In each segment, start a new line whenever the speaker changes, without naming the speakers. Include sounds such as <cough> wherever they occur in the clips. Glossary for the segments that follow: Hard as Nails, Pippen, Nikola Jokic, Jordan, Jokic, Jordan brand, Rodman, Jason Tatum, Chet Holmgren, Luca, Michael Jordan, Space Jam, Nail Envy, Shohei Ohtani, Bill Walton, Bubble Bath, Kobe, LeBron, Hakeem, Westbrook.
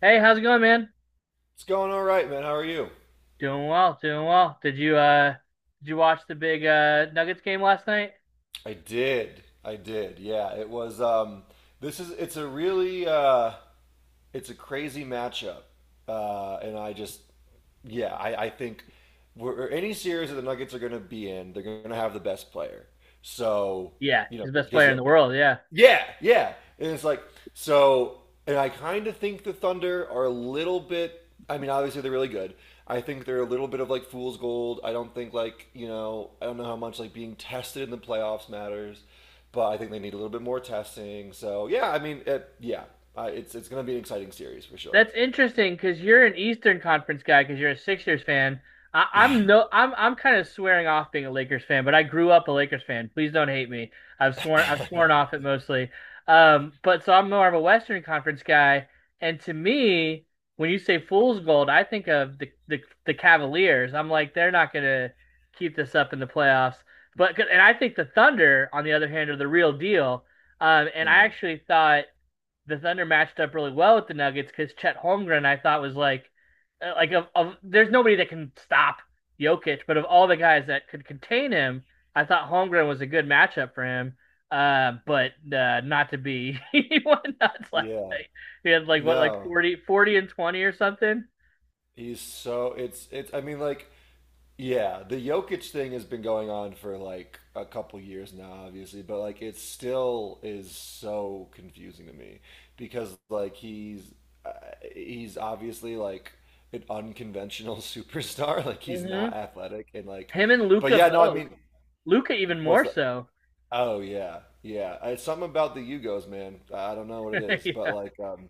Hey, how's it going, man?
It's going all right, man. How are you?
Doing well, doing well. Did you did you watch the big Nuggets game last night?
I did. I did. Yeah, it was this is it's a really it's a crazy matchup. And I just yeah, I think any series that the Nuggets are going to be in, they're going to have the best player. So,
Yeah,
you know,
he's the best
because
player in the
Jokic.
world.
Yeah, yeah. And it's like so, and I kind of think the Thunder are a little bit. I mean, obviously they're really good. I think they're a little bit of like fool's gold. I don't think like you know I don't know how much like being tested in the playoffs matters, but I think they need a little bit more testing. So yeah, I mean, yeah, it's gonna be an exciting series for sure.
That's interesting because you're an Eastern Conference guy because you're a Sixers fan. I,
Yeah.
I'm no, I'm kind of swearing off being a Lakers fan, but I grew up a Lakers fan. Please don't hate me. I've sworn
<laughs>
off it mostly. But so I'm more of a Western Conference guy, and to me, when you say fool's gold, I think of the Cavaliers. I'm like they're not gonna keep this up in the playoffs. But and I think the Thunder, on the other hand, are the real deal. And I
Mm,
actually thought the Thunder matched up really well with the Nuggets because Chet Holmgren I thought was like of there's nobody that can stop Jokic, but of all the guys that could contain him, I thought Holmgren was a good matchup for him. But not to be, <laughs> he went nuts last
yeah.
night. He had like what like
No,
forty and twenty or something.
he's so it's. I mean, like yeah, the Jokic thing has been going on for like a couple years now, obviously, but like it still is so confusing to me because like uh, he's obviously like an unconventional <laughs> superstar. Like he's
Mm-hmm.
not athletic and like,
Him and
but
Luca
yeah, no, I
both.
mean,
Luca even
what's
more
that?
so.
Oh yeah, yeah. It's something about the Yugos, man. I don't know what it
<laughs>
is, but
yeah.
like,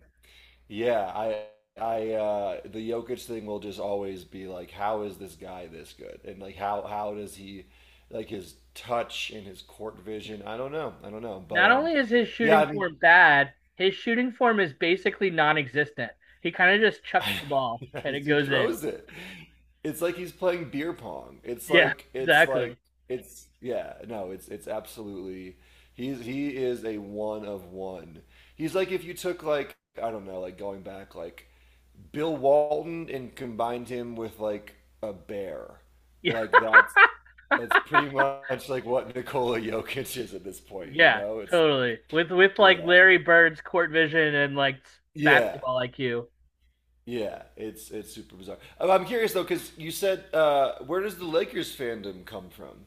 yeah, I the Jokic thing will just always be like how is this guy this good? And like how does he like his touch and his court vision? I don't know. I don't know. But
Not only is his
yeah,
shooting
I mean
form bad, his shooting form is basically non-existent. He kind of just
<laughs>
chucks the ball
yeah,
and it
he
goes in.
throws it. It's like he's playing beer pong. It's
Yeah,
like it's
exactly.
like it's yeah, no, it's absolutely he is a one of one. He's like if you took like I don't know, like going back like Bill Walton and combined him with like a bear.
Yeah,
Like that's pretty much like what Nikola Jokic is at this point, you
yeah,
know? It's
totally. With like
yeah.
Larry Bird's court vision and like
Yeah.
basketball IQ.
Yeah, it's super bizarre. I'm curious though, because you said where does the Lakers fandom come from?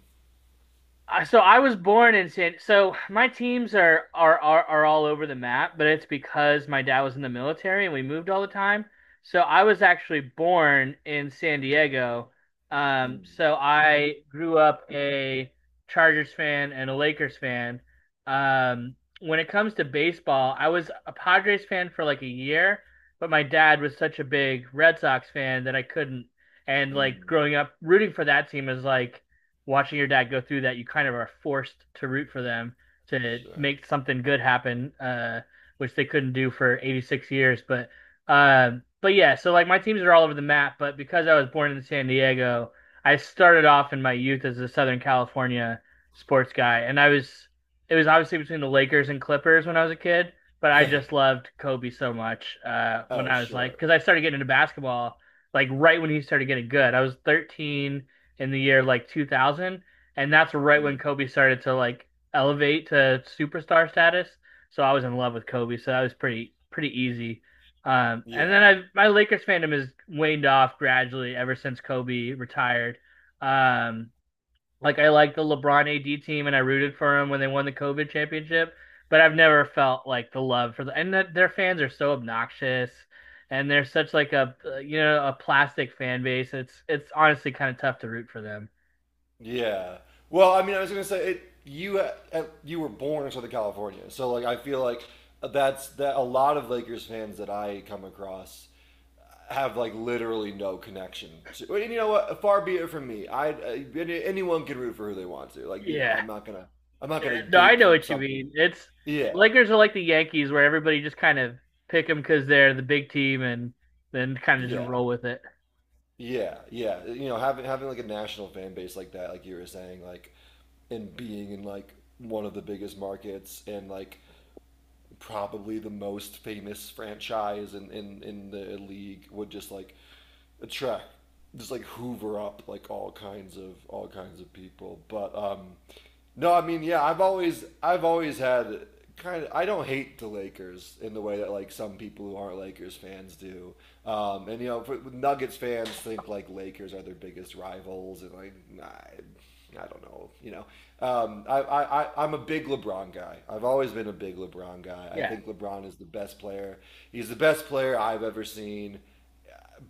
So I was born in San. So my teams are, are all over the map, but it's because my dad was in the military and we moved all the time. So I was actually born in San Diego. Um,
Mm,
so I grew up a Chargers fan and a Lakers fan. Um, when it comes to baseball, I was a Padres fan for like a year, but my dad was such a big Red Sox fan that I couldn't. And like
mm,
growing up rooting for that team is like watching your dad go through that, you kind of are forced to root for them to
sure.
make something good happen, which they couldn't do for 86 years. But yeah, so like my teams are all over the map, but because I was born in San Diego, I started off in my youth as a Southern California sports guy, and I was it was obviously between the Lakers and Clippers when I was a kid, but I just
<laughs>
loved Kobe so much when
Oh,
I was like,
sure.
because I started getting into basketball like right when he started getting good. I was 13 in the year like 2000, and that's right when
Mm,
Kobe started to like elevate to superstar status. So I was in love with Kobe, so that was pretty easy. And
yeah.
then I my Lakers fandom has waned off gradually ever since Kobe retired. Um, like I like the LeBron AD team, and I rooted for him when they won the COVID championship. But I've never felt like the love for the and that their fans are so obnoxious, and they're such like a you know a plastic fan base. It's honestly kind of tough to root for them.
Yeah. Well, I mean, I was gonna say it. You you were born in Southern California, so like I feel like that's that. A lot of Lakers fans that I come across have like literally no connection to. And you know what? Far be it from me. Anyone can root for who they want to. Like you know,
Yeah.
I'm not
Yeah.
gonna
No, I know
gatekeep
what you
something.
mean. It's
Yeah,
Lakers are like the Yankees where everybody just kind of pick them because they're the big team and then kind of just
yeah,
roll with it.
yeah, yeah. You know, having like a national fan base like that, like you were saying, like and being in like one of the biggest markets and like probably the most famous franchise in the league would just like attract just like hoover up like all kinds of people but no, I mean, yeah, I've always had kind of I don't hate the Lakers in the way that like some people who aren't Lakers fans do. And you know, for, Nuggets fans think like Lakers are their biggest rivals, and like I don't know, you know. I'm a big LeBron guy. I've always been a big LeBron guy. I
Yeah.
think LeBron is the best player. He's the best player I've ever seen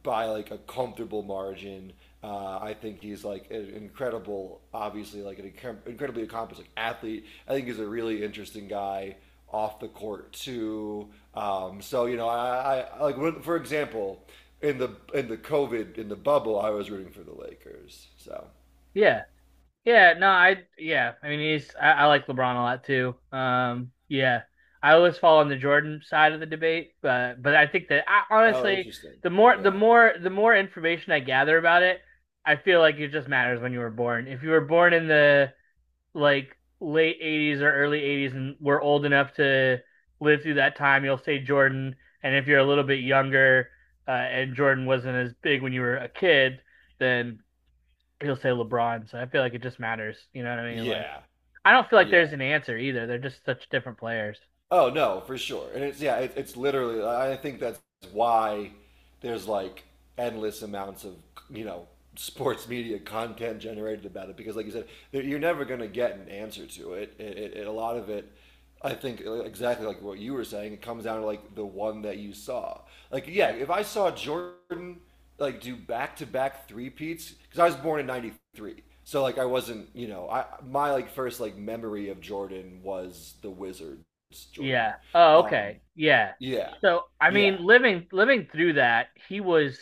by like a comfortable margin. I think he's like an incredible, obviously like an incredibly accomplished like, athlete. I think he's a really interesting guy off the court too. So you know, I like when, for example, in the COVID in the bubble, I was rooting for the Lakers. So
Yeah. Yeah. No, I, yeah. I mean, I like LeBron a lot too. Yeah. I always fall on the Jordan side of the debate, but I think that I,
oh,
honestly,
interesting.
the more, the
Yeah,
more, the more information I gather about it, I feel like it just matters when you were born. If you were born in like late '80s or early '80s and we're old enough to live through that time, you'll say Jordan. And if you're a little bit younger and Jordan wasn't as big when you were a kid, then he'll say LeBron. So I feel like it just matters. You know what I mean? Like,
yeah,
I don't feel like there's
yeah.
an answer either. They're just such different players.
Oh no, for sure. And it's yeah, it's literally. I think that's why there's like endless amounts of you know sports media content generated about it because, like you said, you're never going to get an answer to it. A lot of it, I think, like, exactly like what you were saying, it comes down to like the one that you saw. Like yeah,
Yeah.
if I saw Jordan like do back to back three peats because I was born in '93. So like I wasn't, you know, I my like first like memory of Jordan was the Wizard it's Jordan.
Yeah. Oh, okay.
Um,
Yeah.
yeah,
So I
yeah,
mean, living through that, he was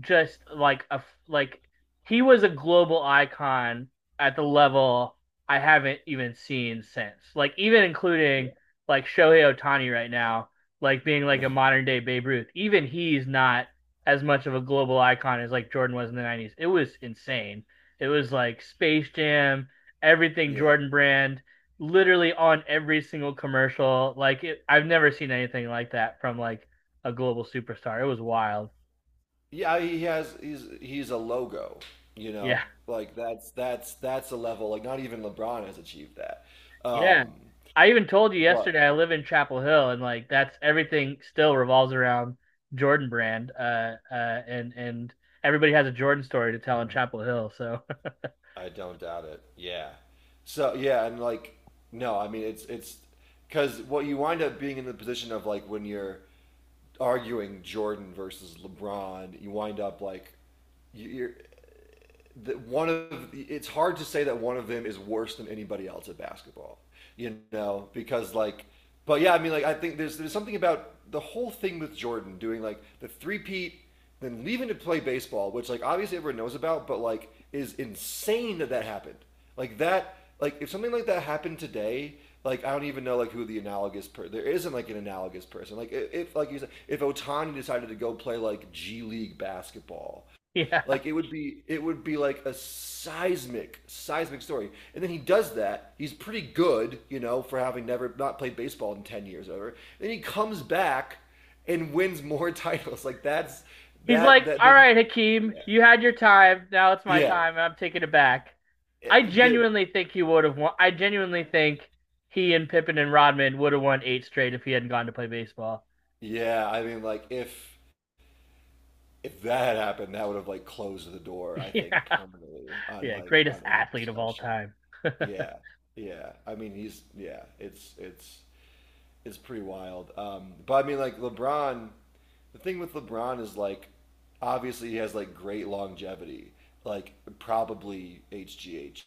just like a like he was a global icon at the level I haven't even seen since. Like even including
yeah,
like Shohei Ohtani right now, like being like a
<laughs>
modern day Babe Ruth. Even he's not as much of a global icon as like Jordan was in the '90s. It was insane. It was like Space Jam, everything
yeah,
Jordan brand, literally on every single commercial. Like it, I've never seen anything like that from like a global superstar. It was wild.
yeah. He has he's a logo, you know,
Yeah.
like that's that's a level like not even LeBron has achieved that.
Yeah.
Um,
I even told you
but
yesterday I live in Chapel Hill and like that's everything still revolves around Jordan brand. And everybody has a Jordan story to tell in Chapel Hill. So
I don't doubt it. Yeah. So yeah, and like no, I mean it's because what you wind up being in the position of like when you're arguing Jordan versus LeBron, you wind up like you- you're that one of it's hard to say that one of them is worse than anybody else at basketball, you know, because like, but yeah, I mean, like I think there's something about the whole thing with Jordan doing like the three peat, then leaving to play baseball, which like obviously everyone knows about, but like is insane that that happened. Like that, like if something like that happened today, like I don't even know like who the analogous per there isn't like an analogous person. Like if, like you said, if Otani decided to go play like G League basketball,
<laughs> yeah.
like it would be like a seismic, seismic story. And then he does that. He's pretty good, you know, for having never not played baseball in 10 years or whatever. Then he comes back and wins more <laughs> titles. Like that's
He's
that
like,
that
"All
the
right, Hakeem,
yeah
you had your time, now it's my
yeah
time, I'm taking it back."
It- the
I genuinely think he and Pippen and Rodman would have won eight straight if he hadn't gone to play baseball.
yeah. I mean, like if that had happened, that would have like closed the door, I
<laughs> Yeah.
think, permanently on
Yeah,
like
greatest
on any
athlete of all
discussion.
time.
Yeah,
<laughs>
yeah. I mean, he's yeah. It's is pretty wild. But I mean, like LeBron, the thing with LeBron is like, obviously he has like great longevity, like probably HGH,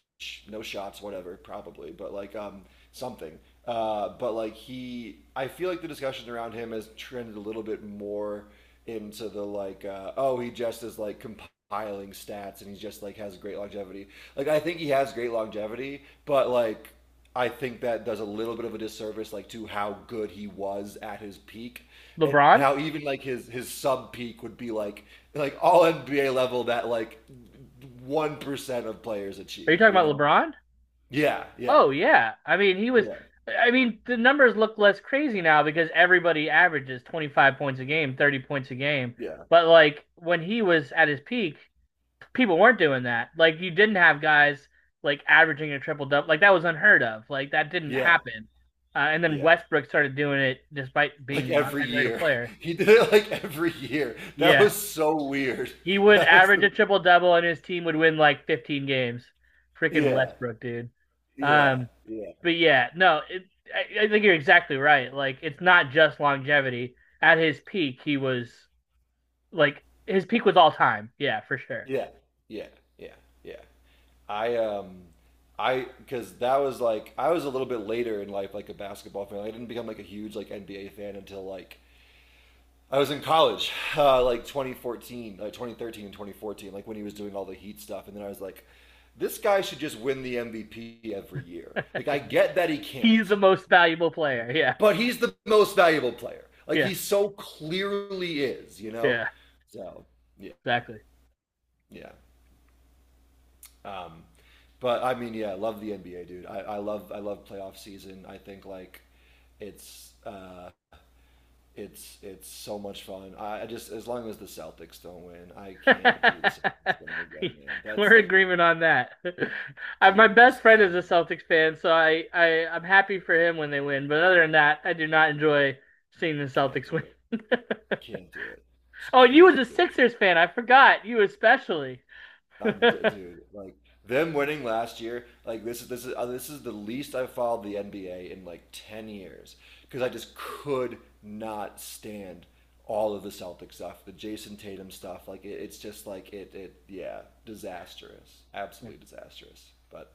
no shots, whatever, probably, but like something. But like he, I feel like the discussion around him has trended a little bit more into the like, oh, he just is like compiling stats and he just like has great longevity. Like I think he has great longevity, but like I think that does a little bit of a disservice, like to how good he was at his peak, and
LeBron?
how even like his sub peak would be like all NBA level that like 1% of players
Are you
achieve.
talking
You
about
know?
LeBron?
Yeah, yeah,
Oh yeah. I mean, he was
yeah,
I mean, the numbers look less crazy now because everybody averages 25 points a game, 30 points a game.
yeah,
But like when he was at his peak, people weren't doing that. Like you didn't have guys like averaging a triple double. Like that was unheard of. Like that didn't
yeah,
happen. And then
yeah.
Westbrook started doing it despite
Like
being not
every
that great a
year,
player.
<laughs> he did it like every year. That
Yeah.
was so weird. <laughs>
He would
That was
average a
the
triple double and his team would win like 15 games. Freaking
yeah,
Westbrook, dude.
yeah,
Um,
yeah,
but yeah, no, I think you're exactly right. Like, it's not just longevity. At his peak, he was like his peak was all time. Yeah, for sure.
yeah, yeah, yeah, yeah. I um I because that was like I was a little bit later in life like a basketball fan. I didn't become like a huge like NBA fan until like I was in college, <laughs> like 2014, like 2013 and 2014, like when he was doing all the Heat stuff, and then I was like, this guy should just win the MVP every year. Like
<laughs>
I get that he
He's
can't,
the most valuable player. Yeah,
but he's the most valuable player. Like
yeah,
he so clearly is, you know.
yeah,
So yeah,
exactly.
yeah. Um, but I mean, yeah, I love the NBA, dude. I love playoff season. I think like it's uh, it's so much fun. I just as long as the Celtics don't win, I can't do the
<laughs>
Celtics winning again, man. That's
We're in
like,
agreement on that. <laughs> I, my
dude,
best
just
friend is a Celtics fan, so I'm happy for him when they win. But other than that, I do not enjoy seeing the
can't
Celtics
do
win.
it.
<laughs>
Can't do it. Just
oh, you was a
cannot do it.
Sixers fan. I forgot you especially. <laughs>
I'm d Dude, like them winning last year, like this is the least I've followed the NBA in like 10 years because I just could not stand all of the Celtic stuff, the Jason Tatum stuff. Like it's just like it yeah, disastrous.
Yeah.
Absolutely disastrous. But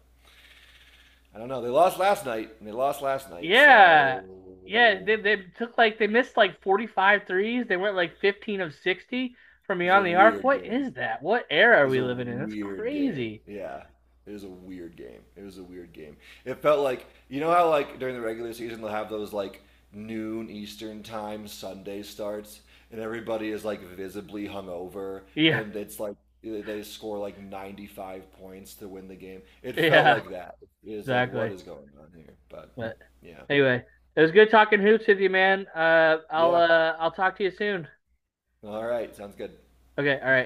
I don't know. They lost last night and they lost last night,
Yeah.
so
Yeah, they took like they missed like 45 threes. They went like 15 of 60 from
it was a
beyond the arc.
weird
What
game.
is that? What era
It
are
was
we
a
living in? That's
weird game.
crazy.
Yeah. It was a weird game. It was a weird game. It felt like you know how like during the regular season they'll have those like noon Eastern time Sunday starts and everybody is like visibly hungover
Yeah. <laughs>
and it's like they score like 95 points to win the game. It felt
Yeah,
like that. It was like what
exactly.
is going on here? But
But
yeah.
anyway, it was good talking hoops with you, man. Uh I'll
Yeah.
uh I'll talk to you soon.
All right. Sounds good.
Okay, all right.